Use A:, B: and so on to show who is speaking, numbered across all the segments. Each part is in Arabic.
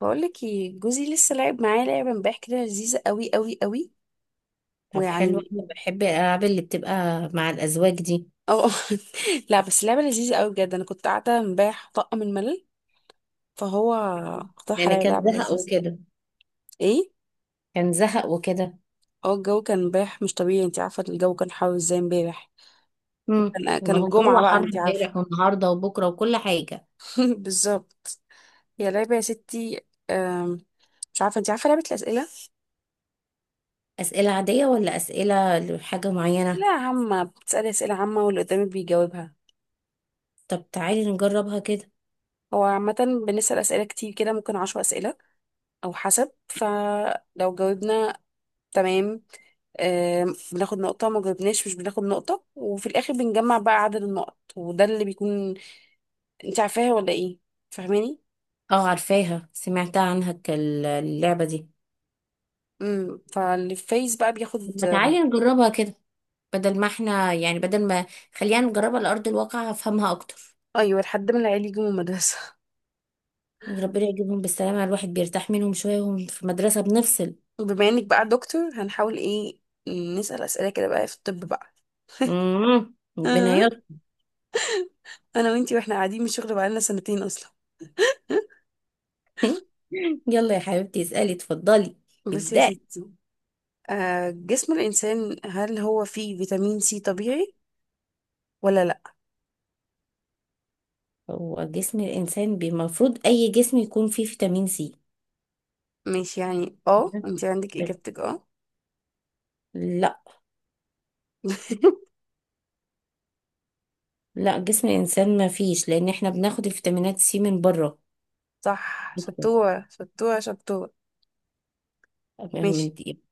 A: بقولك ايه، جوزي لسه لعب معايا لعبة امبارح كده لذيذة قوي قوي قوي.
B: طب حلو،
A: ويعني،
B: انا بحب الالعاب اللي بتبقى مع الازواج دي.
A: اه. لا، بس لعبة لذيذة قوي بجد. انا كنت قاعدة امبارح طاقة من الملل، فهو اقترح
B: لان
A: عليا
B: كان
A: لعبة
B: زهق
A: لذيذة.
B: وكده
A: ايه،
B: كان زهق وكده
A: اه الجو كان امبارح مش طبيعي، انت عارفة الجو كان حر ازاي امبارح. كان
B: ما هو الجو
A: الجمعة بقى،
B: حر
A: انت عارفة.
B: امبارح والنهارده وبكره وكل حاجه.
A: بالظبط. هي لعبة يا ستي، أم، مش عارفة، انت عارفة لعبة الأسئلة.
B: اسئله عاديه ولا اسئله لحاجه معينه؟
A: لا، عامة بتسألي أسئلة عامة واللي قدامك بيجاوبها.
B: طب تعالي نجربها كده.
A: هو عامة بنسأل أسئلة كتير كده، ممكن 10 أسئلة او حسب. فلو جاوبنا تمام، بناخد نقطة، ما جاوبناش مش بناخد نقطة، وفي الآخر بنجمع بقى عدد النقط وده اللي بيكون. انت عارفاها ولا ايه؟ فاهماني.
B: اه، عارفاها، سمعتها عنها. اللعبه دي.
A: امم، فاللي فايز بقى بياخد،
B: طب ما تعالي نجربها كده. بدل ما خلينا نجربها على ارض الواقع، هفهمها اكتر.
A: ايوه لحد ما العيال يجوا من المدرسة.
B: يعني ربنا يجيبهم بالسلامه، الواحد بيرتاح منهم شويه وهم في مدرسه بنفصل.
A: بما انك بقى دكتور هنحاول ايه، نسأل أسئلة كده بقى في الطب بقى.
B: ربنا.
A: آه، انا وانتي واحنا قاعدين من الشغل بقالنا سنتين اصلا.
B: يلا يا حبيبتي، اسألي، اتفضلي،
A: بصي يا
B: ابدأي.
A: ستي، جسم الإنسان هل هو فيه فيتامين سي طبيعي ولا لا؟
B: هو جسم الإنسان المفروض أي جسم يكون فيه فيتامين سي،
A: ماشي، يعني اه انت عندك
B: بس.
A: اجابتك، اه.
B: لا. لا، جسم الإنسان ما فيش، لأن احنا بناخد الفيتامينات سي من بره،
A: صح، شطورة شطورة شطورة.
B: من
A: ماشي،
B: دي.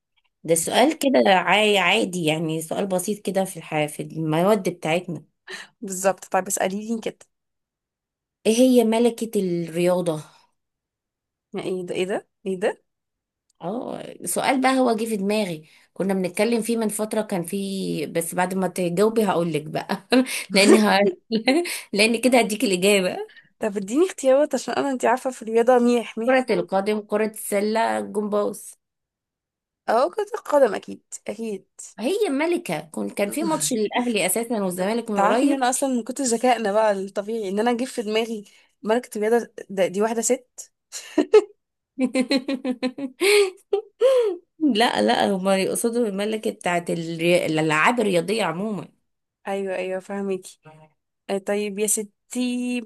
B: ده
A: اسأل.
B: سؤال كده عادي، يعني سؤال بسيط كده في الحياة في المواد بتاعتنا.
A: بالظبط، طيب اسألي لي كده.
B: ايه هي ملكة الرياضة؟
A: يعني ايه ده ايه ده ايه ده؟
B: اه، سؤال بقى هو جه في دماغي. كنا بنتكلم فيه من فترة، كان فيه، بس بعد ما تجاوبي هقول لك بقى. لان ه... لان كده هديك الإجابة.
A: طب اديني اختيارات، عشان انا انت عارفة في الرياضة ميح ميح
B: كرة
A: خالص.
B: القدم، كرة السلة، الجمباز.
A: اه كرة القدم، اكيد اكيد.
B: هي ملكة. كان في ماتش للأهلي أساسا
A: طب
B: والزمالك من
A: تعرفي ان
B: قريب.
A: انا اصلا من كتر ذكائنا بقى الطبيعي ان انا اجيب في دماغي ملكة الرياضة ده، دي واحدة ست.
B: لا، لا، هما يقصدوا الملكة بتاعت الألعاب الرياضية عموما.
A: ايوه ايوه، فهميكي. طيب يا ستي،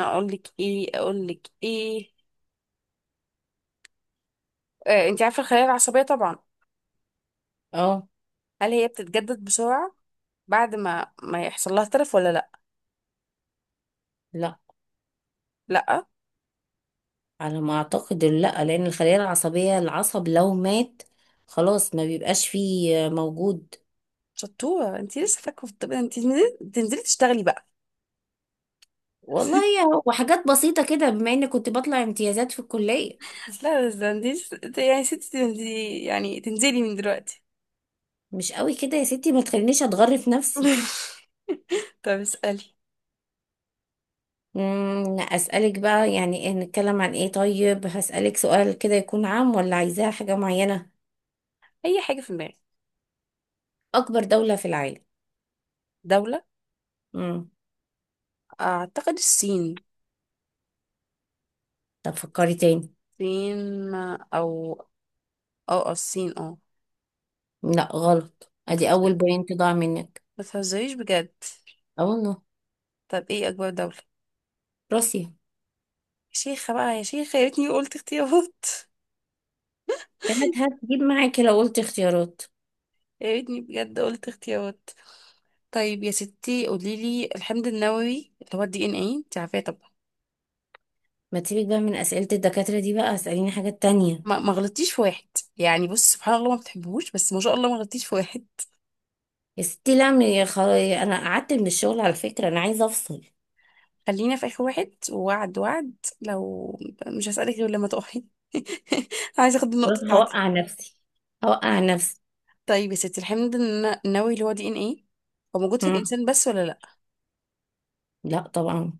A: اقول لك ايه اقول لك ايه، انت عارفه الخلايا العصبيه طبعا،
B: اه،
A: هل هي بتتجدد بسرعه بعد ما يحصل لها تلف ولا لا؟
B: لا،
A: لا.
B: على ما اعتقد لا، لان الخلايا العصبيه، العصب لو مات خلاص ما بيبقاش فيه موجود.
A: شطوره، انت لسه فاكره في الطب، انت تنزلي تنزلي تشتغلي بقى.
B: والله وحاجات بسيطه كده، بما اني كنت بطلع امتيازات في الكليه.
A: لا بس ده انت يعني ستي تنزلي، يعني تنزلي من دلوقتي.
B: مش قوي كده يا ستي، ما تخلينيش اتغرف نفسي.
A: طب اسالي.
B: اسالك بقى يعني إيه؟ نتكلم عن ايه؟ طيب هسالك سؤال كده، يكون عام ولا عايزاه حاجه معينه؟
A: اي حاجه في دماغك.
B: اكبر دوله في العالم؟
A: دوله.
B: امم
A: اعتقد الصين.
B: طب فكري تاني.
A: الصين او الصين، اه.
B: لا، غلط، ادي
A: بتهزري.
B: اول بوينت ضاع منك.
A: ما تهزريش بجد.
B: اه والله.
A: طب ايه اكبر دوله؟ يا
B: روسيا.
A: شيخه بقى يا شيخه، يا ريتني قلت اختيارات.
B: كانت هتجيب معاكي لو قلت اختيارات.
A: يا ريتني بجد قلت اختيارات. طيب يا ستي قولي لي، الحمض النووي اللي هو الدي ان اي انت عارفاه طبعا.
B: ما تسيبك بقى من أسئلة الدكاترة دي بقى، اسأليني حاجات تانية.
A: ما غلطتيش في واحد، يعني بص سبحان الله ما بتحبهوش، بس ما شاء الله ما غلطتيش في واحد.
B: يا ستي لا، أنا قعدت من الشغل على فكرة، أنا عايزة أفصل.
A: خلينا في اخر واحد، ووعد وعد. لو مش هسألك غير لما تقعي. عايزه اخد
B: خلاص،
A: النقطه بتاعتك.
B: هوقع نفسي. هوقع نفسي.
A: طيب يا ستي، الحمض النووي اللي هو دي ان اي، هو موجود في
B: مم.
A: الانسان بس ولا لا؟
B: لا طبعا.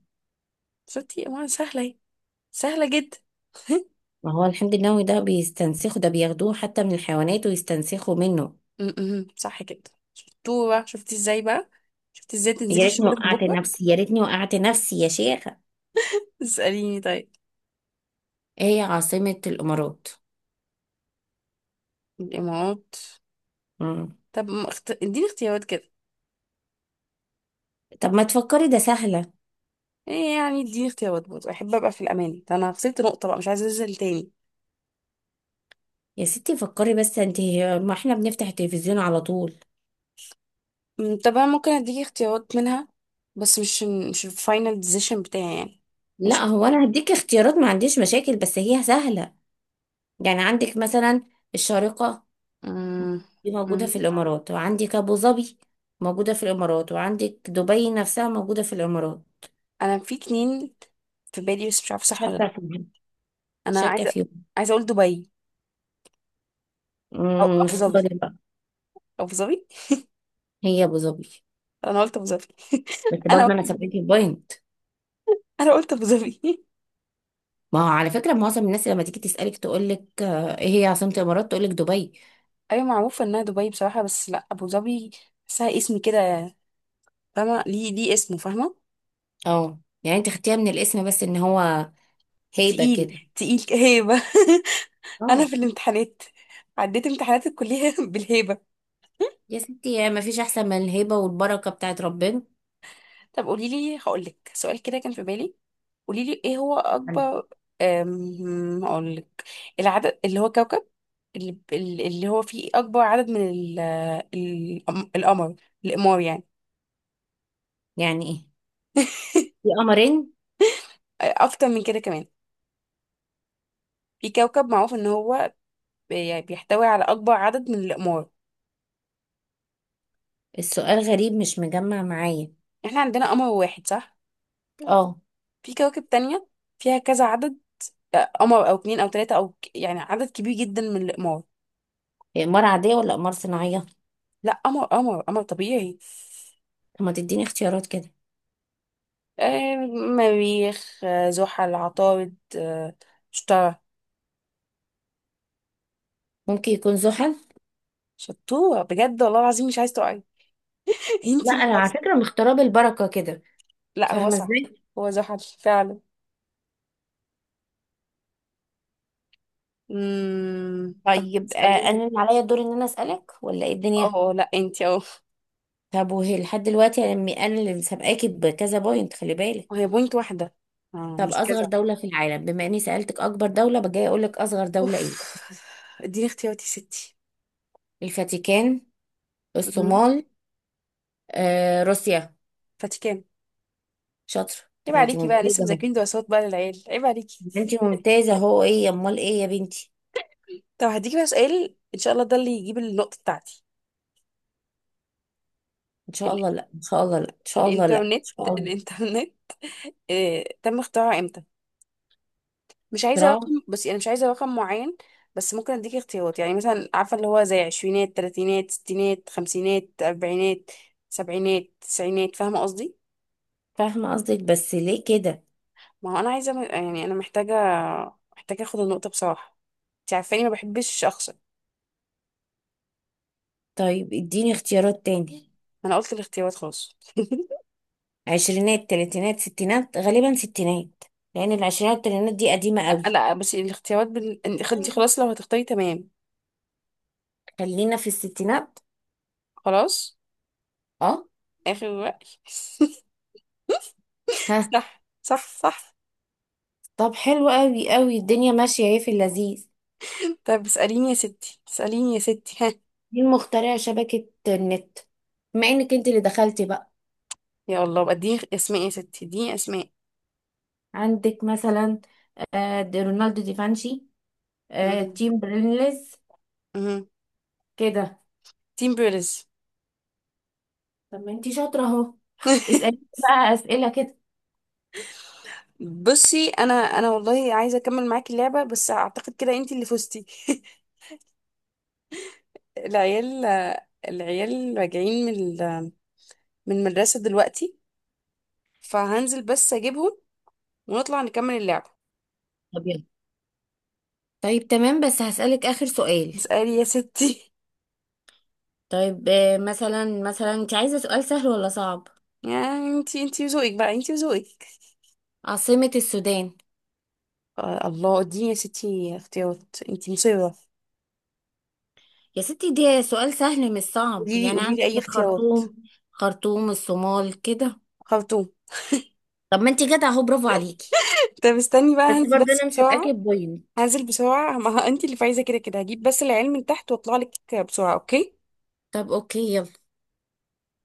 A: شفتي ما سهله اهي، سهله جدا.
B: ما هو الحمض النووي ده بيستنسخه، ده بياخدوه حتى من الحيوانات ويستنسخوا منه.
A: م- صح كده. شطوره، شفتي ازاي بقى، شفتي ازاي تنزلي
B: يا ريتني
A: الشغل من
B: وقعت
A: بكره.
B: نفسي، يا ريتني وقعت نفسي يا شيخة.
A: اسأليني طيب.
B: ايه هي عاصمة الإمارات؟
A: الإمارات.
B: مم.
A: طب ما اديني اختيارات كده.
B: طب ما تفكري، ده سهلة.
A: ايه يعني، اديني اختيارات برضه، احب ابقى في الامان، ده انا خسرت نقطة بقى مش عايزة انزل تاني.
B: يا ستي فكري بس انت، ما احنا بنفتح التلفزيون على طول.
A: طب انا ممكن اديكي اختيارات منها، بس مش الفاينل ديسيشن بتاعي يعني.
B: لا،
A: ماشي.
B: هو انا هديك اختيارات، ما عنديش مشاكل، بس هي سهلة. يعني عندك مثلا الشارقة
A: أمم.
B: دي موجودة في
A: أمم.
B: الإمارات، وعندك أبو ظبي موجودة في الإمارات، وعندك دبي نفسها موجودة في الإمارات.
A: انا في اتنين في بالي، بس مش عارفة صح ولا
B: شاكة
A: لا.
B: فيهم.
A: انا
B: شاكة
A: عايزة
B: فيهم.
A: عايزة اقول دبي، او ابو ظبي.
B: اختاري بقى.
A: ابو ظبي.
B: هي أبو ظبي.
A: انا قلت ابو ظبي.
B: بس
A: انا
B: برضه
A: قلت
B: أنا سبعتي بوينت.
A: انا قلت ابو ظبي.
B: ما هو على فكرة معظم الناس لما تيجي تسألك تقول لك، إيه هي عاصمة الإمارات، تقول لك دبي.
A: ايوه معروفه انها دبي بصراحه، بس لا، ابو ظبي. بحسها اسم كده، فاهمه ليه اسمه، فاهمه.
B: اه، يعني أنت خدتيها من الاسم، بس إن هو هيبة
A: تقيل
B: كده.
A: تقيل هيبه. انا
B: اه.
A: في الامتحانات عديت امتحانات الكليه بالهيبه.
B: يا ستي يعني ما فيش أحسن من الهيبة والبركة بتاعت ربنا.
A: طب قولي لي، هقول لك سؤال كده كان في بالي. قولي لي ايه هو اكبر، هقول لك. العدد اللي هو كوكب، اللي, اللي هو فيه اكبر عدد من القمر، الاقمار يعني.
B: يعني إيه؟ في قمرين.
A: اكتر من كده كمان، في كوكب معروف ان هو يعني بيحتوي على اكبر عدد من الاقمار.
B: السؤال غريب، مش مجمع معايا.
A: احنا عندنا قمر واحد، صح؟
B: اه.
A: في كواكب تانية فيها كذا عدد، قمر او اتنين او تلاتة او يعني عدد كبير جدا من الاقمار.
B: هي إمارة عادية ولا إمارة صناعية؟
A: لا، قمر قمر قمر طبيعي.
B: طب ما تديني اختيارات كده.
A: آه مريخ، زحل، عطارد، شطارة.
B: ممكن يكون زحل.
A: شطورة بجد والله العظيم، مش عايز تقعي.
B: لا،
A: انتي مش
B: أنا على
A: عايز تقعي.
B: فكرة مختارة بالبركة كده.
A: لا هو
B: فاهمة
A: صح،
B: ازاي؟
A: هو زحل فعلا. طب
B: طيب،
A: اسأليني.
B: أنا اللي عليا الدور إن أنا أسألك ولا إيه الدنيا؟
A: اه لا انتي، اه.
B: طب وهي لحد دلوقتي أنا اللي سابقاكي بكذا بوينت، خلي بالك.
A: وهي بوينت واحدة، اه
B: طب
A: مش
B: أصغر
A: كذا.
B: دولة في العالم، بما إني سألتك أكبر دولة، بجاي أقول لك أصغر
A: اوف.
B: دولة إيه؟
A: اديني اختياراتي يا ستي.
B: الفاتيكان،
A: مم.
B: الصومال، روسيا.
A: فاتيكان.
B: شاطر.
A: عيب
B: طب ما انت
A: عليكي بقى لسه
B: ممتازة اهو.
A: مذاكرين دراسات بقى للعيال، عيب عليكي.
B: ما انت ممتازة اهو. ايه امال ايه يا بنتي؟
A: طب هديكي بقى سؤال ان شاء الله ده اللي يجيب النقطة بتاعتي.
B: ان شاء
A: ال...
B: الله لا، ان شاء الله لا، ان شاء الله لا، ان
A: الانترنت
B: شاء الله.
A: الانترنت تم اختراعه امتى؟ مش عايزة رقم،
B: بسرعة.
A: بس انا مش عايزة رقم معين. بس ممكن اديكي اختيارات، يعني مثلا عارفة اللي هو زي عشرينات تلاتينات ستينات خمسينات اربعينات سبعينات تسعينات، فاهمة قصدي.
B: فاهمة قصدك، بس ليه كده؟
A: ما هو انا عايزة، يعني انا محتاجة اخد النقطة بصراحة، انت عارفاني ما بحبش اخسر.
B: طيب اديني اختيارات تاني.
A: انا قلت الاختيارات خلاص.
B: عشرينات، تلاتينات، ستينات، غالبا ستينات، لان العشرينات والتلاتينات دي قديمة
A: لا
B: قوي.
A: لا بصي، الاختيارات انت خلاص لو هتختاري تمام.
B: خلينا في الستينات.
A: خلاص.
B: اه.
A: اخر رأي.
B: ها.
A: صح صح صح.
B: طب حلو قوي قوي، الدنيا ماشية اهي في اللذيذ.
A: طب اسأليني يا ستي، اسأليني يا ستي، ها.
B: مين مخترع شبكة النت؟ بما انك انت اللي دخلتي بقى.
A: يا الله بقى، اديني اسماء يا ستي، اديني اسماء.
B: عندك مثلا، دي رونالدو دي فانشي،
A: مم.
B: تيم برينلز،
A: مم.
B: كده.
A: تيم بيرلز.
B: طب ما انتي شاطرة اهو. اسألي بقى أسئلة كده.
A: بصي انا والله عايزه اكمل معاكي اللعبه، بس اعتقد كده انت اللي فزتي. العيال العيال راجعين من ال- من المدرسه دلوقتي، فهنزل بس اجيبهم، ونطلع نكمل اللعبه.
B: طب يلا. طيب تمام، بس هسألك آخر سؤال.
A: اسالي يا ستي.
B: طيب، مثلا انت عايزة سؤال سهل ولا صعب؟
A: يعني انتي وذوقك بقى، انتي وذوقك.
B: عاصمة السودان؟
A: آه الله، اديني يا ستي اختيارات، انتي مصيرة.
B: يا ستي دي سؤال سهل مش صعب،
A: قولي لي
B: يعني
A: قولي لي
B: عندك
A: اي اختيارات.
B: الخرطوم، خرطوم الصومال كده.
A: خرطوم.
B: طب ما انت جدع اهو، برافو عليكي.
A: طب استني بقى،
B: بس
A: هنزل
B: برضه
A: بس
B: انا مسابقاكي
A: بسرعة.
B: بوينت.
A: هنزل بسرعة. ما هو انتي اللي فايزة كده كده، هجيب بس العلم من تحت واطلع لك بسرعة. اوكي.
B: طب اوكي، يلا.